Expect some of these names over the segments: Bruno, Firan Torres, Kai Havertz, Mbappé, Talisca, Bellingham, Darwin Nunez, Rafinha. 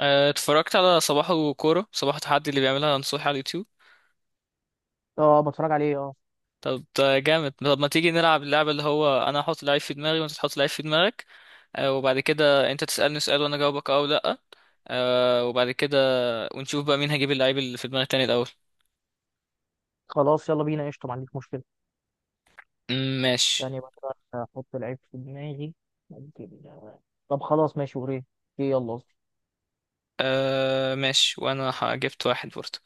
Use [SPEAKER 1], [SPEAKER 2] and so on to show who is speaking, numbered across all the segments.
[SPEAKER 1] اتفرجت على صباحه كورة صباحه تحدي اللي بيعملها نصوحي على اليوتيوب.
[SPEAKER 2] اه. بتفرج عليه، اه.
[SPEAKER 1] طب ده جامد. طب ما تيجي نلعب اللعبة اللي هو انا هحط لعيب في دماغي وانت تحط لعيب في دماغك. وبعد كده انت تسألني سؤال وانا اجاوبك اه او لا. وبعد كده ونشوف بقى مين هجيب اللعيب اللي في دماغ التاني الاول.
[SPEAKER 2] خلاص يلا بينا، قشطة، ما عنديش مشكلة.
[SPEAKER 1] ماشي.
[SPEAKER 2] ثانية بقى احط العيب في دماغي. ممكن طب خلاص، ماشي وريه ايه. ايه، يلا قصدي.
[SPEAKER 1] ماشي، وانا جبت واحد برضه.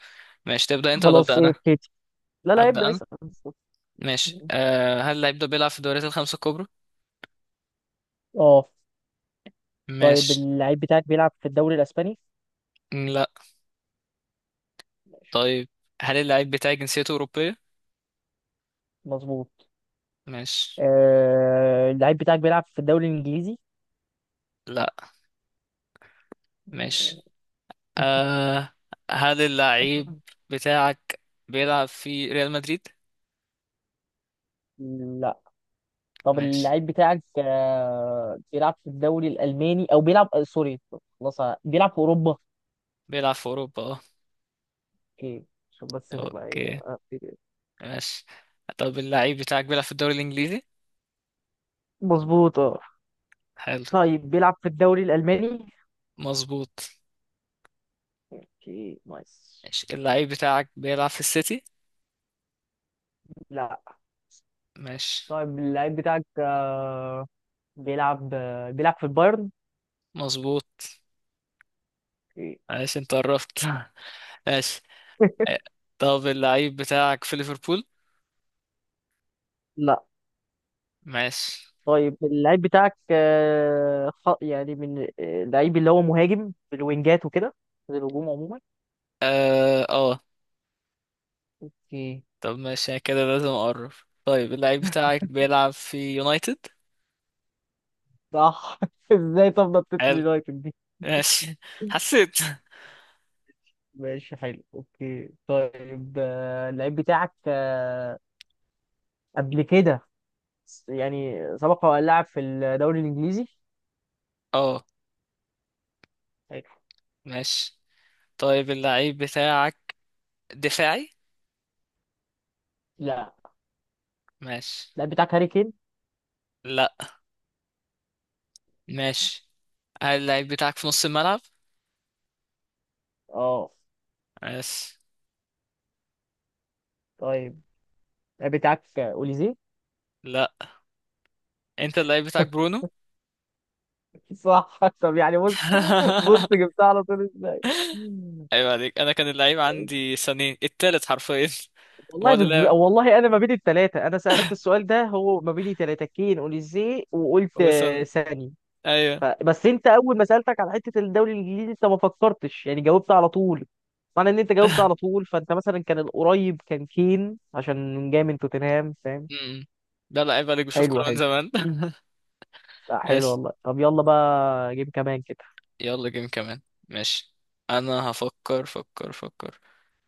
[SPEAKER 1] ماشي، تبدأ انت ولا ابدأ
[SPEAKER 2] خلاص ايه،
[SPEAKER 1] انا؟
[SPEAKER 2] ابتدي. لا لا
[SPEAKER 1] ابدأ
[SPEAKER 2] ابدأ
[SPEAKER 1] انا.
[SPEAKER 2] اسأل.
[SPEAKER 1] ماشي، هل اللعيب ده بيلعب في الدوريات الخمسة الكبرى؟
[SPEAKER 2] اه. طيب
[SPEAKER 1] ماشي.
[SPEAKER 2] اللعيب بتاعك بيلعب في الدوري الاسباني؟
[SPEAKER 1] لا.
[SPEAKER 2] ماشي.
[SPEAKER 1] طيب هل اللعيب بتاعي جنسيته أوروبية؟
[SPEAKER 2] مظبوط.
[SPEAKER 1] ماشي.
[SPEAKER 2] اللعيب بتاعك بيلعب في الدوري الانجليزي؟
[SPEAKER 1] لا. ماشي، آه هل اللعيب بتاعك بيلعب في ريال مدريد؟
[SPEAKER 2] لا. طب
[SPEAKER 1] ماشي.
[SPEAKER 2] اللعيب بتاعك بيلعب في الدوري الألماني أو بيلعب سوري. خلاص بيلعب في أوروبا.
[SPEAKER 1] بيلعب في أوروبا اه.
[SPEAKER 2] اكيد، عشان بس نبقى ايه
[SPEAKER 1] اوكي.
[SPEAKER 2] آه،
[SPEAKER 1] ماشي. طب اللعيب بتاعك بيلعب في الدوري الإنجليزي؟
[SPEAKER 2] مظبوط اه.
[SPEAKER 1] حلو.
[SPEAKER 2] طيب بيلعب في الدوري الالماني؟
[SPEAKER 1] مظبوط.
[SPEAKER 2] اوكي نايس.
[SPEAKER 1] ماشي، اللعيب بتاعك بيلعب في السيتي؟
[SPEAKER 2] لا.
[SPEAKER 1] ماشي.
[SPEAKER 2] طيب اللعيب بتاعك بيلعب في البايرن.
[SPEAKER 1] مظبوط.
[SPEAKER 2] اوكي.
[SPEAKER 1] ماشي، انت قربت. ماشي. آه، طب اللعيب بتاعك في ليفربول؟
[SPEAKER 2] لا.
[SPEAKER 1] ماشي.
[SPEAKER 2] طيب اللعيب بتاعك يعني من اللعيب اللي هو مهاجم في الوينجات وكده، في الهجوم عموما.
[SPEAKER 1] اه اه.
[SPEAKER 2] اوكي.
[SPEAKER 1] طب ماشي، أنا كده لازم اقرب. طيب اللعيب بتاعك بيلعب في يونايتد؟
[SPEAKER 2] صح، ازاي طب نطيت
[SPEAKER 1] حلو.
[SPEAKER 2] اليونايتد دي.
[SPEAKER 1] ماشي. حسيت.
[SPEAKER 2] ماشي حلو اوكي. طيب اللعيب بتاعك قبل كده، يعني سبق وان لعب في الدوري الانجليزي.
[SPEAKER 1] اه.
[SPEAKER 2] حلو.
[SPEAKER 1] ماشي، طيب اللعيب بتاعك دفاعي؟
[SPEAKER 2] لا.
[SPEAKER 1] ماشي.
[SPEAKER 2] اللاعب بتاعك هاري كين؟
[SPEAKER 1] لا. ماشي، هل اللعيب بتاعك في نص الملعب؟
[SPEAKER 2] اه.
[SPEAKER 1] ماشي.
[SPEAKER 2] طيب اللاعب بتاعك اوليزي؟
[SPEAKER 1] لا. انت اللعيب بتاعك برونو؟
[SPEAKER 2] صح. طب يعني بص، بص جبتها على طول ازاي.
[SPEAKER 1] ايوه عليك، انا كان اللعيب عندي سنين التالت حرفيا. ما هو اللي لعب
[SPEAKER 2] والله انا ما بين الثلاثه، انا سالت السؤال ده هو ما بين ثلاثه: كين، اوليزي، وقلت
[SPEAKER 1] هو سن.
[SPEAKER 2] ساني.
[SPEAKER 1] ايوه.
[SPEAKER 2] بس انت اول ما سالتك على حته الدوري الانجليزي انت ما فكرتش، يعني جاوبت على طول. معنى ان انت جاوبت على طول فانت مثلا كان القريب كان كين عشان جاي من توتنهام، فاهم.
[SPEAKER 1] م-م. لا لا عيب عليك، بشوف
[SPEAKER 2] حلو
[SPEAKER 1] كوره من
[SPEAKER 2] حلو.
[SPEAKER 1] زمان.
[SPEAKER 2] لا حلو
[SPEAKER 1] ماشي.
[SPEAKER 2] والله. طب يلا بقى جيب كمان كده.
[SPEAKER 1] يلا جيم كمان. ماشي، انا هفكر فكر فكر.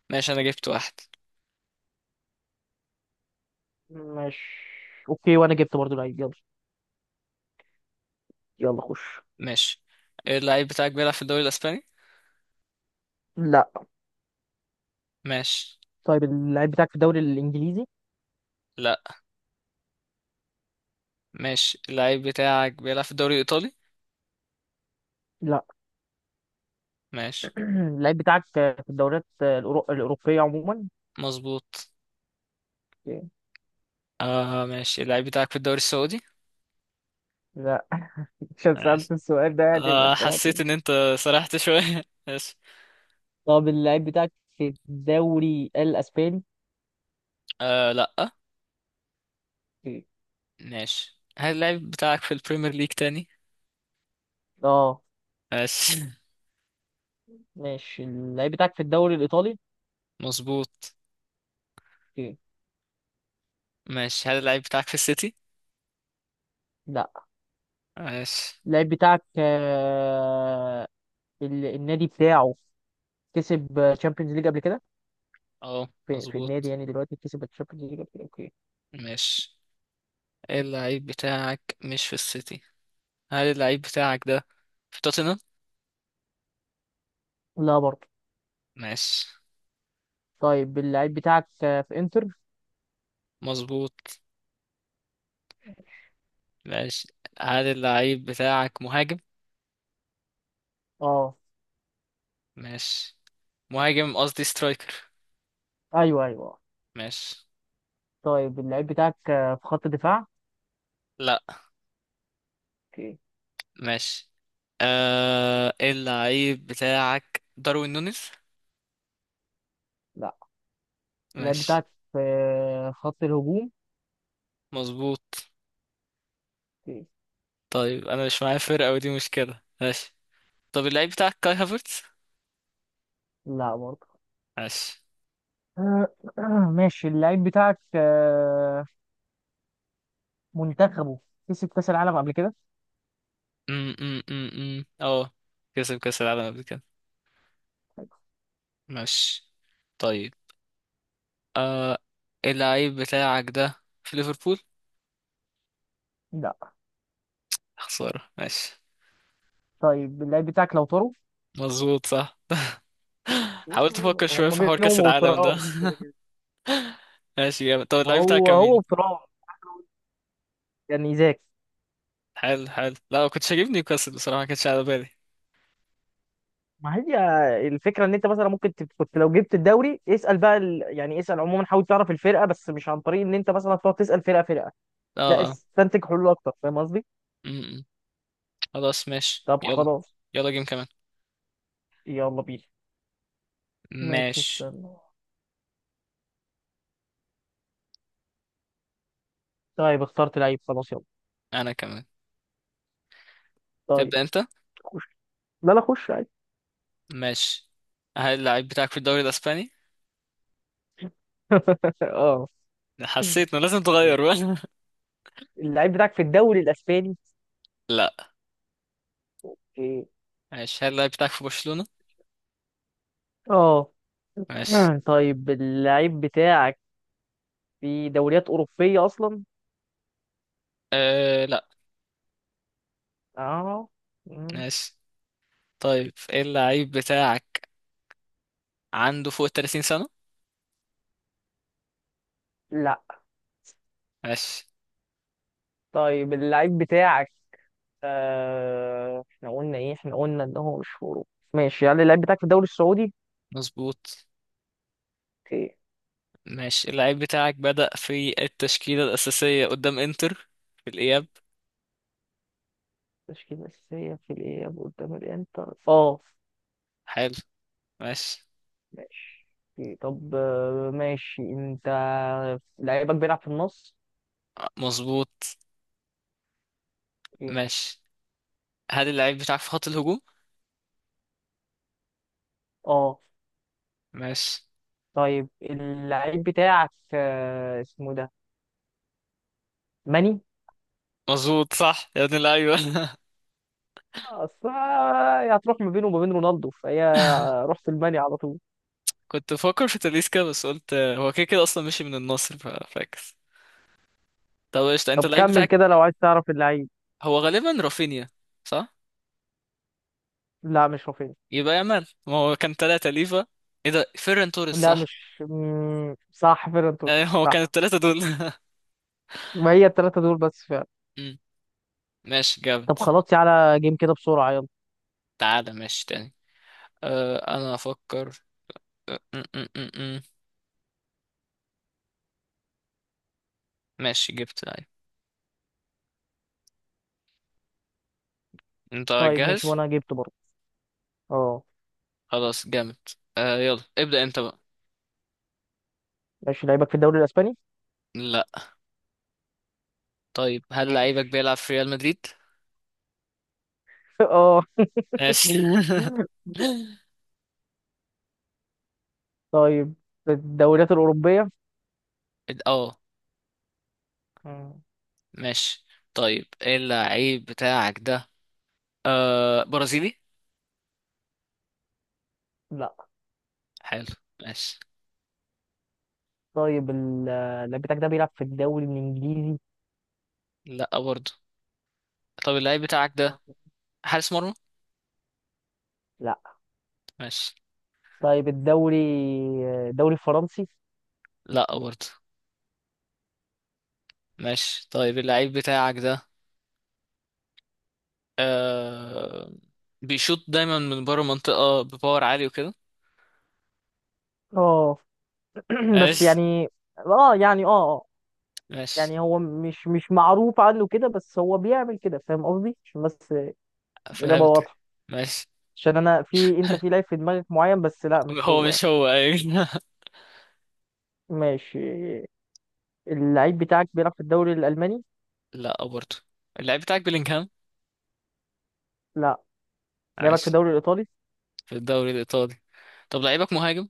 [SPEAKER 1] ماشي، انا جبت واحد.
[SPEAKER 2] ماشي. اوكي وانا جبت برضو لعيب، يلا. يلا خش.
[SPEAKER 1] ماشي، اللعيب بتاعك بيلعب في الدوري الاسباني؟
[SPEAKER 2] لا.
[SPEAKER 1] ماشي.
[SPEAKER 2] طيب اللعيب بتاعك في الدوري الانجليزي؟
[SPEAKER 1] لا. ماشي، اللعيب بتاعك بيلعب في الدوري الايطالي؟
[SPEAKER 2] لا.
[SPEAKER 1] ماشي.
[SPEAKER 2] اللعيب بتاعك في الدوريات الاوروبيه عموما؟
[SPEAKER 1] مظبوط. ماشي، اللعيب بتاعك في الدوري السعودي؟
[SPEAKER 2] لا. عشان
[SPEAKER 1] ماشي.
[SPEAKER 2] سألت السؤال ده يعني ما طلعتش.
[SPEAKER 1] حسيت ان انت سرحت شوية. ماشي.
[SPEAKER 2] طب اللعيب بتاعك في الدوري الاسباني؟
[SPEAKER 1] لا. ماشي، هل اللعيب بتاعك في البريمير ليج تاني؟
[SPEAKER 2] اه.
[SPEAKER 1] ماشي.
[SPEAKER 2] ماشي. اللعيب بتاعك في الدوري الايطالي؟
[SPEAKER 1] مظبوط. ماشي، هل اللعيب بتاعك في السيتي؟
[SPEAKER 2] لا.
[SPEAKER 1] ماشي.
[SPEAKER 2] اللعيب بتاعك النادي بتاعه كسب تشامبيونز ليج قبل كده.
[SPEAKER 1] اه.
[SPEAKER 2] في النادي
[SPEAKER 1] مظبوط.
[SPEAKER 2] يعني دلوقتي كسب تشامبيونز ليج قبل كده. اوكي.
[SPEAKER 1] ماشي، اللعيب بتاعك مش في السيتي. هل اللعيب بتاعك ده في توتنهام؟
[SPEAKER 2] لا برضه.
[SPEAKER 1] ماشي.
[SPEAKER 2] طيب اللعيب بتاعك في انتر؟
[SPEAKER 1] مظبوط. ماشي، هل اللعيب بتاعك مهاجم؟
[SPEAKER 2] اه.
[SPEAKER 1] ماشي. مهاجم قصدي سترايكر.
[SPEAKER 2] ايوه ايوه.
[SPEAKER 1] ماشي.
[SPEAKER 2] طيب اللعيب بتاعك في خط دفاع؟
[SPEAKER 1] لا.
[SPEAKER 2] اوكي.
[SPEAKER 1] ماشي، اللعيب بتاعك داروين نونيز؟
[SPEAKER 2] لا. اللعيب
[SPEAKER 1] ماشي.
[SPEAKER 2] بتاعك في خط الهجوم؟
[SPEAKER 1] مظبوط.
[SPEAKER 2] اوكي.
[SPEAKER 1] طيب انا مش معايا فرقة ودي مشكلة، ماشي. طب اللعيب بتاعك كاي هافرتز؟
[SPEAKER 2] لا برضه.
[SPEAKER 1] ماشي.
[SPEAKER 2] آه، ماشي. اللعيب بتاعك منتخبه كسب كاس العالم قبل كده؟
[SPEAKER 1] م -م -م -م. اه. كسب كاس العالم قبل كده. ماشي. طيب، آه اللعيب بتاعك ده في ليفربول؟
[SPEAKER 2] لا.
[SPEAKER 1] خسارة. ماشي.
[SPEAKER 2] طيب اللعيب بتاعك لو طاروا.
[SPEAKER 1] مظبوط صح. حاولت افكر شويه
[SPEAKER 2] هما
[SPEAKER 1] في حوار كاس
[SPEAKER 2] بينهم
[SPEAKER 1] العالم ده.
[SPEAKER 2] وترام كده كده.
[SPEAKER 1] ماشي جامد. طب
[SPEAKER 2] ما
[SPEAKER 1] اللعيب بتاعك
[SPEAKER 2] هو
[SPEAKER 1] كان
[SPEAKER 2] هو
[SPEAKER 1] مين؟
[SPEAKER 2] وترام، يعني زاك.
[SPEAKER 1] حلو حلو. لا ما كنتش هجيب نيوكاسل بصراحه، ما كانتش على بالي.
[SPEAKER 2] ما هي الفكره ان انت مثلا ممكن كنت لو جبت الدوري اسال بقى يعني اسال عموما، حاول تعرف الفرقه بس مش عن طريق ان انت مثلا تقعد تسال فرقه فرقه.
[SPEAKER 1] اه
[SPEAKER 2] لا
[SPEAKER 1] اه.
[SPEAKER 2] استنتج حلول اكتر، فاهم قصدي؟
[SPEAKER 1] م- م. خلاص ماشي.
[SPEAKER 2] طب
[SPEAKER 1] يلا.
[SPEAKER 2] خلاص
[SPEAKER 1] يلا جيم كمان.
[SPEAKER 2] يلا بينا. ماشي،
[SPEAKER 1] ماشي.
[SPEAKER 2] استنى. طيب اخترت لعيب، خلاص يلا.
[SPEAKER 1] انا كمان.
[SPEAKER 2] طيب.
[SPEAKER 1] تبدا انت.
[SPEAKER 2] خش. لا لا خش عادي.
[SPEAKER 1] ماشي، هل اللعيب بتاعك في الدوري الاسباني؟
[SPEAKER 2] اه.
[SPEAKER 1] حسيت انه لازم تغير بقى.
[SPEAKER 2] اللعيب بتاعك في الدوري الاسباني؟
[SPEAKER 1] لا.
[SPEAKER 2] إيه.
[SPEAKER 1] ماشي، هل اللعيب بتاعك في برشلونه؟
[SPEAKER 2] اه.
[SPEAKER 1] ماشي.
[SPEAKER 2] طيب اللعيب بتاعك في دوريات اوروبيه اصلا؟
[SPEAKER 1] لا.
[SPEAKER 2] اه. مم.
[SPEAKER 1] ماشي، طيب ايه اللعيب بتاعك عنده فوق ال 30 سنه؟
[SPEAKER 2] لا.
[SPEAKER 1] ماشي.
[SPEAKER 2] طيب اللعيب بتاعك احنا قلنا ايه، احنا قلنا ان هو مش هجوم. ماشي يعني اللعيب بتاعك في الدوري السعودي؟
[SPEAKER 1] مظبوط.
[SPEAKER 2] اوكي.
[SPEAKER 1] ماشي، اللعيب بتاعك بدأ في التشكيلة الأساسية قدام إنتر في الإياب؟
[SPEAKER 2] تشكيلة أساسية في الإياب قدام الإنتر اه.
[SPEAKER 1] حلو. ماشي.
[SPEAKER 2] ماشي. أوكي. طب ماشي انت. لعيبك بيلعب في النص؟
[SPEAKER 1] مظبوط.
[SPEAKER 2] اوكي.
[SPEAKER 1] ماشي، هل اللعيب بتاعك في خط الهجوم؟
[SPEAKER 2] اه.
[SPEAKER 1] ماشي.
[SPEAKER 2] طيب اللعيب بتاعك اسمه ده ماني.
[SPEAKER 1] مظبوط صح يا ابن اللعيبة.
[SPEAKER 2] اصل هتروح ما بينه وما بين رونالدو، فهي رحت الماني على طول.
[SPEAKER 1] كنت بفكر في تاليسكا بس قلت هو كده كده أصلا مشي من النصر، فاكس. طب قشطة، أنت
[SPEAKER 2] طب
[SPEAKER 1] اللعيب
[SPEAKER 2] كمل
[SPEAKER 1] بتاعك
[SPEAKER 2] كده لو عايز تعرف اللعيب.
[SPEAKER 1] هو غالبا رافينيا؟ صح.
[SPEAKER 2] لا مش رافينيا.
[SPEAKER 1] يبقى يامال، ما هو كان تلاتة ليفا. إيه ده فيران توريس؟
[SPEAKER 2] لا
[SPEAKER 1] صح.
[SPEAKER 2] مش صح فيرنتون.
[SPEAKER 1] يعني هو كان
[SPEAKER 2] صح.
[SPEAKER 1] التلاتة دول.
[SPEAKER 2] ما هي الثلاثة دول بس فعلا.
[SPEAKER 1] مم. ماشي جامد.
[SPEAKER 2] طب خلاص على جيم كده بسرعة يلا.
[SPEAKER 1] تعالى ماشي تاني. أنا أفكر. م- م- م- م. ماشي، جبت. ايوه. انت
[SPEAKER 2] طيب ماشي
[SPEAKER 1] جاهز؟
[SPEAKER 2] وانا جبت برضه. اه.
[SPEAKER 1] خلاص جامد. يلا ابدأ انت بقى.
[SPEAKER 2] ماشي لعيبك في الدوري الاسباني؟
[SPEAKER 1] لا. طيب هل لعيبك
[SPEAKER 2] ماشي.
[SPEAKER 1] بيلعب في ريال مدريد؟
[SPEAKER 2] اه.
[SPEAKER 1] ماشي.
[SPEAKER 2] طيب في الدوريات الاوروبية؟
[SPEAKER 1] اه.
[SPEAKER 2] مم،
[SPEAKER 1] ماشي، طيب ايه اللعيب بتاعك ده؟ برازيلي؟
[SPEAKER 2] لا.
[SPEAKER 1] حلو. ماشي.
[SPEAKER 2] طيب اللعيب بتاعك ده بيلعب في الدوري الانجليزي؟
[SPEAKER 1] لا برضه. طب اللعيب بتاعك ده حارس مرمى؟
[SPEAKER 2] لا.
[SPEAKER 1] ماشي.
[SPEAKER 2] طيب الدوري الفرنسي؟
[SPEAKER 1] لا برضه. ماشي، طيب اللعيب بتاعك ده آه بيشوط دايما من بره منطقة بباور عالي وكده.
[SPEAKER 2] اه. بس
[SPEAKER 1] ماشي.
[SPEAKER 2] يعني اه، يعني اه.
[SPEAKER 1] ماشي.
[SPEAKER 2] يعني هو مش معروف عنه كده، بس هو بيعمل كده، فاهم قصدي؟ عشان بس الإجابة
[SPEAKER 1] فهمت.
[SPEAKER 2] واضحة.
[SPEAKER 1] ماشي.
[SPEAKER 2] عشان أنا في أنت في لعيب في دماغك معين، بس لا مش
[SPEAKER 1] هو
[SPEAKER 2] هو يعني.
[SPEAKER 1] مش هو، ايوه.
[SPEAKER 2] ماشي. اللعيب بتاعك بيلعب في الدوري الألماني؟
[SPEAKER 1] لا برضه. اللعيب بتاعك بيلينغهام؟
[SPEAKER 2] لا. لعبك في
[SPEAKER 1] ماشي.
[SPEAKER 2] الدوري الإيطالي؟
[SPEAKER 1] في الدوري الإيطالي. طب لعيبك مهاجم؟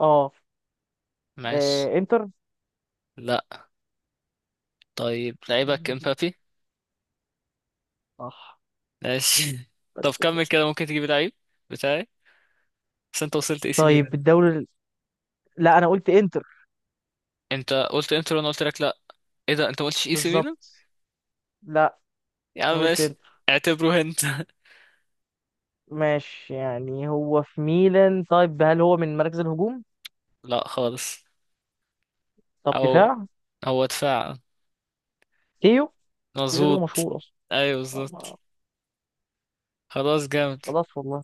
[SPEAKER 2] اه.
[SPEAKER 1] ماشي.
[SPEAKER 2] إنتر؟
[SPEAKER 1] لا. طيب لعيبك
[SPEAKER 2] ماشي.
[SPEAKER 1] امبابي؟
[SPEAKER 2] صح.
[SPEAKER 1] ماشي. طب
[SPEAKER 2] بس كده.
[SPEAKER 1] كمل كده ممكن تجيب لعيب بتاعي. بس انت وصلت اي سي
[SPEAKER 2] طيب
[SPEAKER 1] ميلان.
[SPEAKER 2] لا، أنا قلت إنتر.
[SPEAKER 1] انت قلت انتر وانا قلت لك لا. ايه ده، انت ما قلتش اي سي ميلان.
[SPEAKER 2] بالظبط. لا.
[SPEAKER 1] يا عم
[SPEAKER 2] أنا قلت
[SPEAKER 1] ماشي،
[SPEAKER 2] إنتر.
[SPEAKER 1] اعتبره انت.
[SPEAKER 2] ماشي، يعني هو في ميلان. طيب هل هو من مراكز الهجوم؟
[SPEAKER 1] لا خالص.
[SPEAKER 2] طب
[SPEAKER 1] او
[SPEAKER 2] دفاع.
[SPEAKER 1] هو دفاع.
[SPEAKER 2] كيو. مفيش غيره
[SPEAKER 1] مظبوط.
[SPEAKER 2] مشهور
[SPEAKER 1] ايوه بالظبط.
[SPEAKER 2] أصلا.
[SPEAKER 1] خلاص جامد.
[SPEAKER 2] خلاص والله.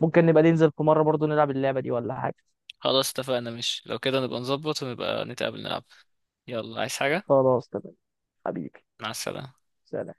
[SPEAKER 2] ممكن نبقى ننزل في مرة برضو نلعب اللعبة دي ولا حاجة.
[SPEAKER 1] خلاص اتفقنا، مش لو كده نبقى نظبط ونبقى نتقابل نلعب. يلا عايز حاجة.
[SPEAKER 2] خلاص تمام. حبيبي.
[SPEAKER 1] مع السلامة.
[SPEAKER 2] سلام.